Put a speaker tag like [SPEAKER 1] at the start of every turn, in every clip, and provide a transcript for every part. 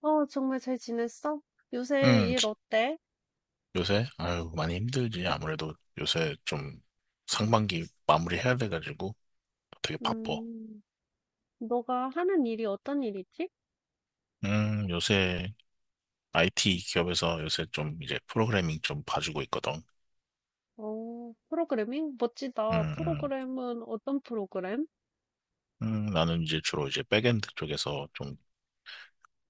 [SPEAKER 1] 어, 정말 잘 지냈어? 요새
[SPEAKER 2] 음,
[SPEAKER 1] 일 어때?
[SPEAKER 2] 요새? 아유, 많이 힘들지. 아무래도 요새 좀 상반기 마무리해야 돼가지고 되게 바빠.
[SPEAKER 1] 음, 너가 하는 일이 어떤 일이지?
[SPEAKER 2] 요새 IT 기업에서 요새 좀 이제 프로그래밍 좀 봐주고 있거든.
[SPEAKER 1] 어, 프로그래밍? 멋지다.
[SPEAKER 2] 음, 음,
[SPEAKER 1] 프로그램은 어떤 프로그램?
[SPEAKER 2] 나는 이제 주로 이제 백엔드 쪽에서 좀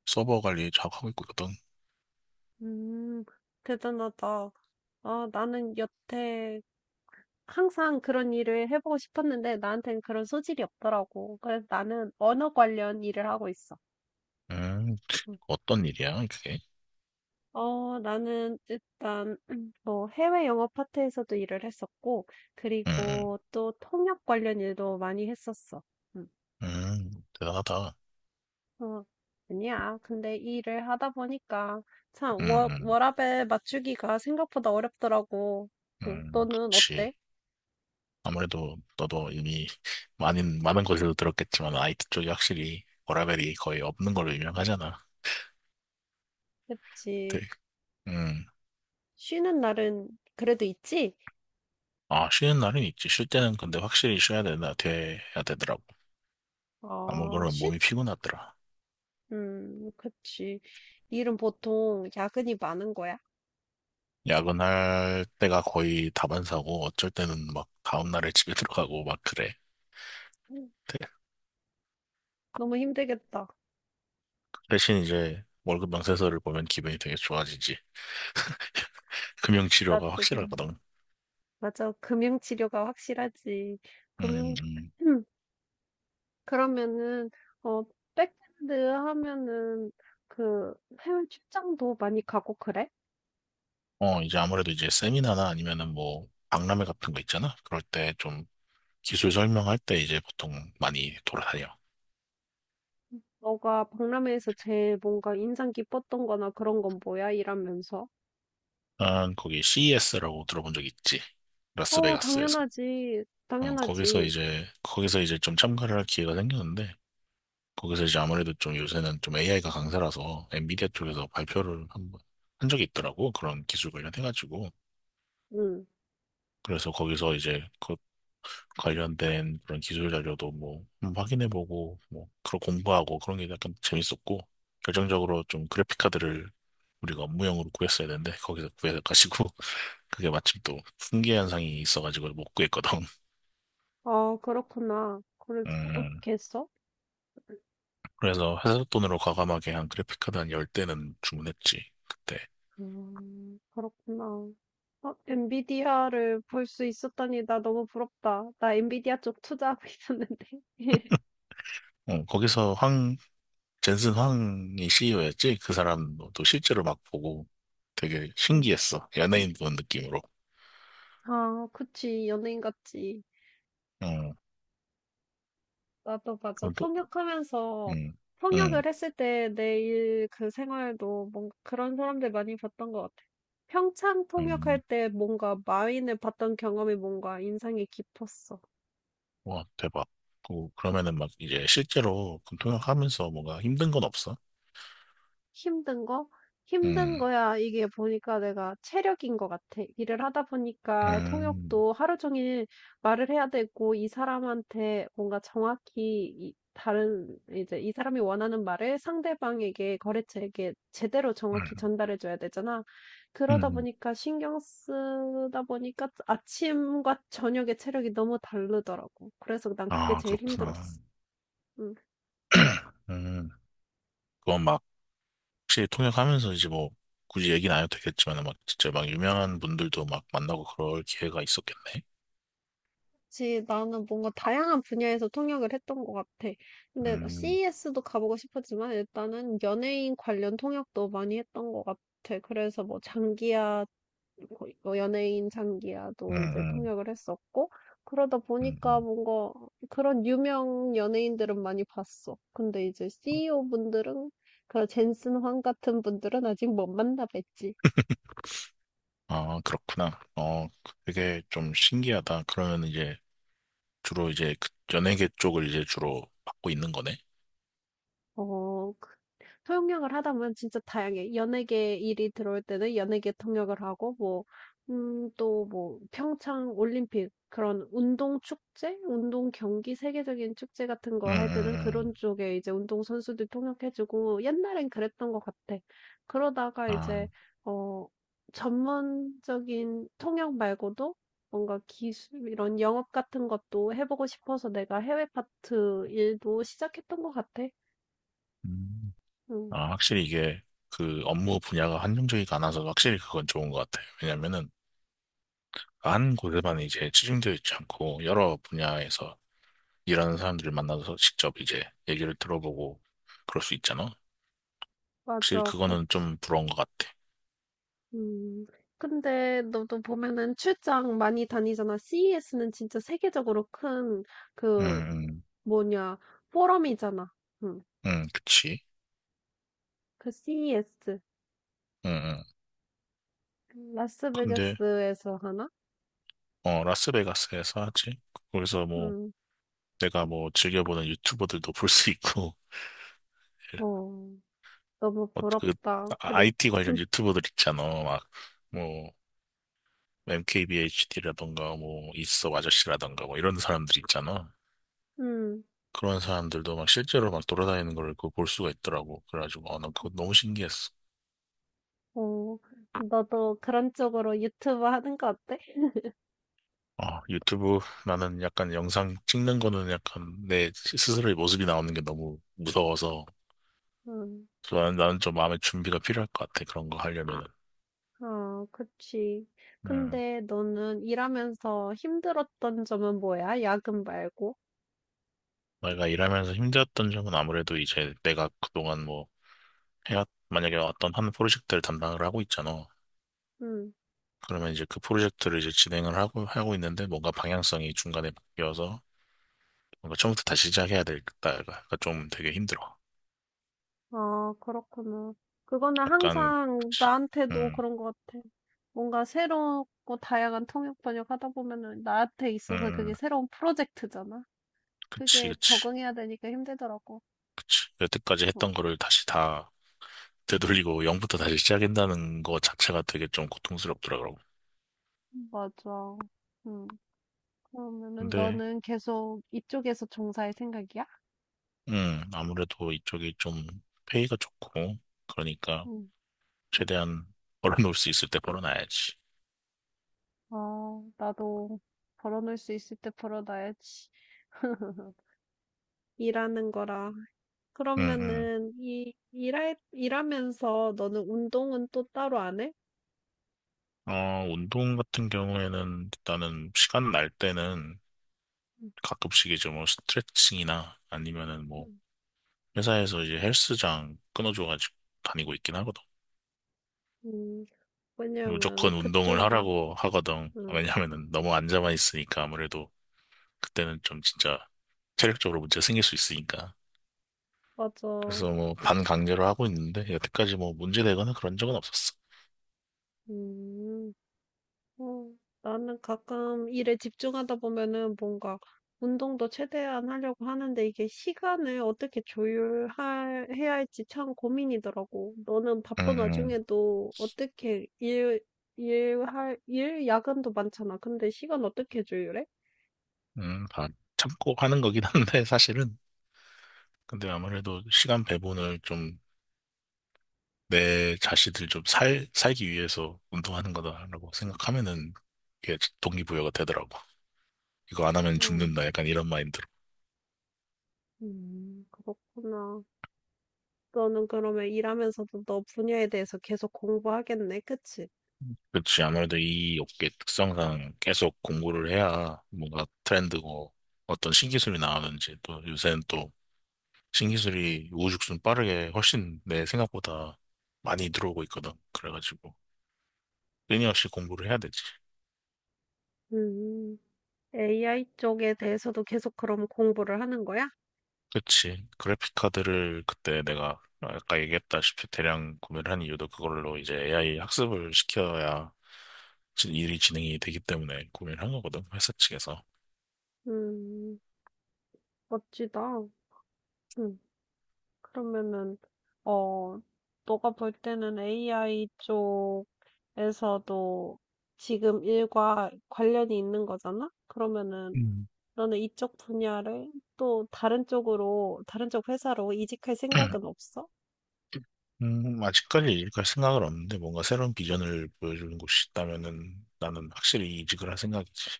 [SPEAKER 2] 서버 관리 작업하고 있거든.
[SPEAKER 1] 음, 대단하다. 아, 나는 여태 항상 그런 일을 해보고 싶었는데 나한테는 그런 소질이 없더라고. 그래서 나는 언어 관련 일을 하고 있어.
[SPEAKER 2] 음,
[SPEAKER 1] 음.
[SPEAKER 2] 어떤 일이야, 그게?
[SPEAKER 1] 어, 나는 일단 뭐 해외 영어 파트에서도 일을 했었고,
[SPEAKER 2] 음,
[SPEAKER 1] 그리고 또 통역 관련 일도 많이 했었어. 음.
[SPEAKER 2] 음, 음, 대단하다.
[SPEAKER 1] 어, 아니야. 근데 이 일을 하다 보니까 참
[SPEAKER 2] 음, 음,
[SPEAKER 1] 워라밸 맞추기가 생각보다 어렵더라고. 응, 너는 어때?
[SPEAKER 2] 그렇지. 아무래도 너도 이미 많은 곳에서 들었겠지만 IT 쪽이 확실히 워라밸이 거의 없는 걸로 유명하잖아.
[SPEAKER 1] 그치.
[SPEAKER 2] 네. 음.
[SPEAKER 1] 쉬는 날은 그래도 있지?
[SPEAKER 2] 아, 쉬는 날은 있지. 쉴 때는 근데 확실히 쉬어야 되나, 돼야 되더라고. 아무 거
[SPEAKER 1] 어,
[SPEAKER 2] 나
[SPEAKER 1] 쉬,
[SPEAKER 2] 몸이 피곤하더라.
[SPEAKER 1] 그치. 일은 보통 야근이 많은 거야.
[SPEAKER 2] 야근할 때가 거의 다반사고 어쩔 때는 막 다음날에 집에 들어가고 막 그래.
[SPEAKER 1] 음,
[SPEAKER 2] 대-
[SPEAKER 1] 너무 힘들겠다.
[SPEAKER 2] 대신 이제 월급 명세서를 보면 기분이 되게 좋아지지. 금융치료가
[SPEAKER 1] 나도.
[SPEAKER 2] 확실하거든.
[SPEAKER 1] 맞아. 금융치료가 확실하지.
[SPEAKER 2] 음,
[SPEAKER 1] 금융,
[SPEAKER 2] 음.
[SPEAKER 1] 그러면은, 어, 백핸드 하면은, 그, 해외 출장도 많이 가고 그래?
[SPEAKER 2] 어, 이제 아무래도 이제 세미나나 아니면은 뭐 박람회 같은 거 있잖아. 그럴 때 좀 기술 설명할 때 이제 보통 많이 돌아다녀.
[SPEAKER 1] 너가 박람회에서 제일 뭔가 인상 깊었던 거나 그런 건 뭐야? 이러면서.
[SPEAKER 2] 난 거기 CES라고 들어본 적 있지.
[SPEAKER 1] 어,
[SPEAKER 2] 라스베가스에서.
[SPEAKER 1] 당연하지.
[SPEAKER 2] 어, 거기서
[SPEAKER 1] 당연하지.
[SPEAKER 2] 이제 거기서 이제 좀 참가를 할 기회가 생겼는데 거기서 이제 아무래도 좀 요새는 좀 AI가 강세라서 엔비디아 쪽에서 발표를 한 번 한 적이 있더라고. 그런 기술 관련해가지고.
[SPEAKER 1] 응.
[SPEAKER 2] 그래서 거기서 이제 그 관련된 그런 기술 자료도 뭐 확인해보고 뭐 그런 공부하고 그런 게 약간 재밌었고 결정적으로 좀 그래픽 카드를 우리가 업무용으로 구했어야 되는데 거기서 구해가지고 그게 마침 또풍계 현상이 있어가지고 못 구했거든.
[SPEAKER 1] 아, 그렇구나. 그래서
[SPEAKER 2] 음
[SPEAKER 1] 어떻게 했어?
[SPEAKER 2] 그래서 회사 돈으로 과감하게 한 그래픽 카드 한 10대는 주문했지 그때.
[SPEAKER 1] 그렇구나. 어, 엔비디아를 볼 수 있었다니 나 너무 부럽다. 나 엔비디아 쪽 투자하고 있었는데.
[SPEAKER 2] 어, 거기서 황 젠슨 황이 CEO였지. 그 사람도 또 실제로 막 보고 되게
[SPEAKER 1] 음.
[SPEAKER 2] 신기했어, 연예인 본 느낌으로.
[SPEAKER 1] 아 그치. 연예인 같지.
[SPEAKER 2] 음
[SPEAKER 1] 나도 맞아.
[SPEAKER 2] 그건 또
[SPEAKER 1] 통역하면서
[SPEAKER 2] 음. 음.
[SPEAKER 1] 통역을 했을 때 내일 그 생활도 뭔가 그런 사람들 많이 봤던 것 같아. 평창 통역할
[SPEAKER 2] 음,
[SPEAKER 1] 때 뭔가 마윈을 봤던 경험이 뭔가 인상이 깊었어.
[SPEAKER 2] 와, 대박. 그러면은 막 이제 실제로 군통역 하면서 뭔가 힘든 건 없어?
[SPEAKER 1] 힘든 거? 힘든
[SPEAKER 2] 음,
[SPEAKER 1] 거야 이게 보니까 내가 체력인 것 같아. 일을 하다 보니까
[SPEAKER 2] 음,
[SPEAKER 1] 통역도 하루 종일 말을 해야 되고 이 사람한테 뭔가 정확히 이 다른 이제 이 사람이 원하는 말을 상대방에게 거래처에게 제대로 정확히
[SPEAKER 2] 음,
[SPEAKER 1] 전달해 줘야 되잖아. 그러다
[SPEAKER 2] 음.
[SPEAKER 1] 보니까 신경 쓰다 보니까 아침과 저녁의 체력이 너무 다르더라고. 그래서 난 그게
[SPEAKER 2] 아,
[SPEAKER 1] 제일
[SPEAKER 2] 그렇구나.
[SPEAKER 1] 힘들었어. 음.
[SPEAKER 2] 음, 그건 막 혹시 통역하면서 이제 뭐 굳이 얘기는 안 해도 되겠지만 막 진짜 막 유명한 분들도 막 만나고 그럴 기회가 있었겠네.
[SPEAKER 1] 그치. 나는 뭔가 다양한 분야에서 통역을 했던 것 같아. 근데
[SPEAKER 2] 음,
[SPEAKER 1] CES도 가보고 싶었지만 일단은 연예인 관련 통역도 많이 했던 것 같아. 그래서 뭐 장기야, 뭐 연예인
[SPEAKER 2] 음,
[SPEAKER 1] 장기야도 이제
[SPEAKER 2] 음,
[SPEAKER 1] 통역을 했었고, 그러다
[SPEAKER 2] 음,
[SPEAKER 1] 보니까
[SPEAKER 2] 음.
[SPEAKER 1] 뭔가 그런 유명 연예인들은 많이 봤어. 근데 이제 CEO 분들은, 그런 젠슨 황 같은 분들은 아직 못 만나뵀지.
[SPEAKER 2] 아, 그렇구나. 어, 되게 좀 신기하다. 그러면 이제 주로 이제 그 연예계 쪽을 이제 주로 맡고 있는 거네.
[SPEAKER 1] 어 그 통역을 하다 보면 진짜 다양해 연예계 일이 들어올 때는 연예계 통역을 하고 뭐 또 뭐 평창 올림픽 그런 운동 축제, 운동 경기 세계적인 축제 같은
[SPEAKER 2] 음,
[SPEAKER 1] 거 할
[SPEAKER 2] 음,
[SPEAKER 1] 때는
[SPEAKER 2] 음.
[SPEAKER 1] 그런 쪽에 이제 운동 선수들 통역해 주고 옛날엔 그랬던 것 같아. 그러다가
[SPEAKER 2] 아.
[SPEAKER 1] 이제 어 전문적인 통역 말고도 뭔가 기술 이런 영업 같은 것도 해 보고 싶어서 내가 해외 파트 일도 시작했던 것 같아.
[SPEAKER 2] 음.
[SPEAKER 1] 응.
[SPEAKER 2] 아, 확실히 이게 그 업무 분야가 한정적이가 않아서 확실히 그건 좋은 것 같아요. 왜냐면은 한 곳에만 이제 치중되어 있지 않고 여러 분야에서 일하는 사람들을 만나서 직접 이제 얘기를 들어보고 그럴 수 있잖아. 확실히
[SPEAKER 1] 맞아,
[SPEAKER 2] 그거는
[SPEAKER 1] 그렇지.
[SPEAKER 2] 좀 부러운 것 같아.
[SPEAKER 1] 음. 근데 너도 보면은 출장 많이 다니잖아. CES는 진짜 세계적으로 큰
[SPEAKER 2] 응,
[SPEAKER 1] 그
[SPEAKER 2] 응,
[SPEAKER 1] 뭐냐 포럼이잖아. 음.
[SPEAKER 2] 응, 그치.
[SPEAKER 1] 그 CES
[SPEAKER 2] 응, 응. 근데,
[SPEAKER 1] 라스베가스에서 하나?
[SPEAKER 2] 라스베가스에서 하지? 거기서 뭐,
[SPEAKER 1] 음.
[SPEAKER 2] 내가 뭐, 즐겨보는 유튜버들도 볼 수 있고,
[SPEAKER 1] 어. 너무
[SPEAKER 2] 그,
[SPEAKER 1] 부럽다. 그래.
[SPEAKER 2] IT 관련 유튜버들 있잖아. 막, 뭐, MKBHD라던가 뭐 있어 아저씨라던가 뭐 이런 사람들 있잖아.
[SPEAKER 1] 음.
[SPEAKER 2] 그런 사람들도 막 실제로 막 돌아다니는 걸 그 볼 수가 있더라고. 그래가지고 아, 난 그거 너무 신기했어.
[SPEAKER 1] 어. 너도 그런 쪽으로 유튜브 하는 거 어때?
[SPEAKER 2] 유튜브, 나는 약간 영상 찍는 거는 약간 내 스스로의 모습이 나오는 게 너무 무서워서
[SPEAKER 1] 음.
[SPEAKER 2] 나는 좀 마음의 준비가 필요할 것 같아. 그런 거 하려면은.
[SPEAKER 1] 어, 그치.
[SPEAKER 2] 음.
[SPEAKER 1] 근데 너는 일하면서 힘들었던 점은 뭐야? 야근 말고?
[SPEAKER 2] 내가 일하면서 힘들었던 점은 아무래도 이제 내가 그동안 뭐 해왔 만약에 어떤 한 프로젝트를 담당을 하고 있잖아.
[SPEAKER 1] 음.
[SPEAKER 2] 그러면 이제 그 프로젝트를 이제 진행을 하고 있는데 뭔가 방향성이 중간에 바뀌어서 뭔가 처음부터 다시 시작해야 되겠다가 좀 되게 힘들어.
[SPEAKER 1] 아, 그렇구나. 그거는
[SPEAKER 2] 약간은,
[SPEAKER 1] 항상
[SPEAKER 2] 그치.
[SPEAKER 1] 나한테도
[SPEAKER 2] 음,
[SPEAKER 1] 그런 것 같아. 뭔가 새롭고 다양한 통역 번역 하다 보면은 나한테
[SPEAKER 2] 음,
[SPEAKER 1] 있어서
[SPEAKER 2] 음.
[SPEAKER 1] 그게 새로운 프로젝트잖아.
[SPEAKER 2] 그치,
[SPEAKER 1] 그게
[SPEAKER 2] 그치,
[SPEAKER 1] 적응해야 되니까 힘들더라고.
[SPEAKER 2] 그치. 여태까지 했던
[SPEAKER 1] 어,
[SPEAKER 2] 거를 다시 다 되돌리고 0부터 다시 시작한다는 거 자체가 되게 좀 고통스럽더라고.
[SPEAKER 1] 맞아. 음. 그러면은
[SPEAKER 2] 근데,
[SPEAKER 1] 너는 계속 이쪽에서 종사할 생각이야?
[SPEAKER 2] 아무래도 이쪽이 좀 페이가 좋고, 그러니까
[SPEAKER 1] 응.
[SPEAKER 2] 최대한 벌어놓을 수 있을 때 벌어놔야지.
[SPEAKER 1] 어, 나도 벌어놓을 수 있을 때 벌어놔야지. 일하는 거랑
[SPEAKER 2] 음, 음.
[SPEAKER 1] 그러면은 이 일할 일하면서 너는 운동은 또 따로 안 해?
[SPEAKER 2] 운동 같은 경우에는 일단은 시간 날 때는
[SPEAKER 1] 음,
[SPEAKER 2] 가끔씩 이제 뭐 스트레칭이나 아니면은 뭐
[SPEAKER 1] 음.
[SPEAKER 2] 회사에서 이제 헬스장 끊어줘가지고 다니고 있긴 하거든.
[SPEAKER 1] 음, 왜냐면
[SPEAKER 2] 무조건 운동을
[SPEAKER 1] 그쪽이
[SPEAKER 2] 하라고 하거든.
[SPEAKER 1] 음,
[SPEAKER 2] 왜냐면은 너무 앉아만 있으니까 아무래도 그때는 좀 진짜 체력적으로 문제 생길 수 있으니까.
[SPEAKER 1] 맞아.
[SPEAKER 2] 그래서 뭐
[SPEAKER 1] 그,
[SPEAKER 2] 반강제로 하고 있는데 여태까지 뭐 문제 되거나 그런 적은 없었어.
[SPEAKER 1] 음, 어, 나는 가끔 일에 집중하다 보면은 뭔가 운동도 최대한 하려고 하는데 이게 시간을 어떻게 조율할 해야 할지 참 고민이더라고. 너는
[SPEAKER 2] 음,
[SPEAKER 1] 바쁜
[SPEAKER 2] 음,
[SPEAKER 1] 와중에도 어떻게 일 일할 일 야근도 많잖아. 근데 시간 어떻게 조율해?
[SPEAKER 2] 다 참고 하는 거긴 한데 사실은. 근데 아무래도 시간 배분을 좀 내 자신을 좀 살기 위해서 운동하는 거다라고 생각하면은 이게 동기부여가 되더라고. 이거 안 하면 죽는다. 약간 이런 마인드로.
[SPEAKER 1] 그렇구나. 너는 그러면 일하면서도 너 분야에 대해서 계속 공부하겠네, 그치?
[SPEAKER 2] 그렇지. 아무래도 이 업계 특성상 계속 공부를 해야 뭔가 트렌드고 어떤 신기술이 나오는지 또 요새는 또 신기술이 우후죽순 빠르게 훨씬 내 생각보다 많이 들어오고 있거든. 그래가지고 끊임없이 공부를 해야 되지.
[SPEAKER 1] 음, AI 쪽에 대해서도 계속 그럼 공부를 하는 거야?
[SPEAKER 2] 그치. 그래픽 카드를 그때 내가 아까 얘기했다시피 대량 구매를 한 이유도 그걸로 이제 AI 학습을 시켜야 일이 진행이 되기 때문에 구매를 한 거거든, 회사 측에서.
[SPEAKER 1] 음, 멋지다. 음, 그러면은, 어, 너가 볼 때는 AI 쪽에서도 지금 일과 관련이 있는 거잖아? 그러면은,
[SPEAKER 2] 음.
[SPEAKER 1] 너는 이쪽 분야를 또 다른 쪽으로, 다른 쪽 회사로 이직할 생각은 없어?
[SPEAKER 2] 아직까지 이직할 생각은 없는데 뭔가 새로운 비전을 보여주는 곳이 있다면은 나는 확실히 이직을 할 생각이지.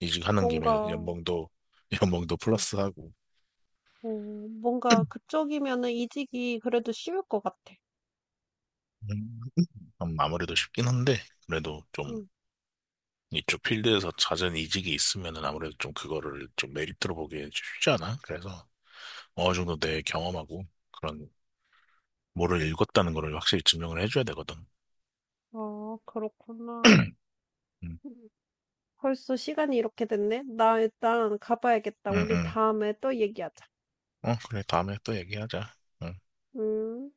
[SPEAKER 2] 이직하는 김에
[SPEAKER 1] 뭔가
[SPEAKER 2] 연봉도 연봉도
[SPEAKER 1] 어
[SPEAKER 2] 플러스하고
[SPEAKER 1] 어 뭔가 그쪽이면은 이직이 그래도 쉬울 것 같아.
[SPEAKER 2] 음, 아무래도 쉽긴 한데 그래도 좀
[SPEAKER 1] 응.
[SPEAKER 2] 이쪽 필드에서 잦은 이직이 있으면은 아무래도 좀 그거를 좀 메리트로 보기엔 쉽지 않아. 그래서 어느 정도 내 경험하고 그런 뭐를 읽었다는 거를 확실히 증명을 해줘야 되거든.
[SPEAKER 1] 아, 그렇구나.
[SPEAKER 2] 응 응
[SPEAKER 1] 음. 벌써 시간이 이렇게 됐네? 나 일단 가봐야겠다. 우리
[SPEAKER 2] 응
[SPEAKER 1] 다음에 또 얘기하자.
[SPEAKER 2] 응. 어, 그래 다음에 또 얘기하자. 응.
[SPEAKER 1] 음.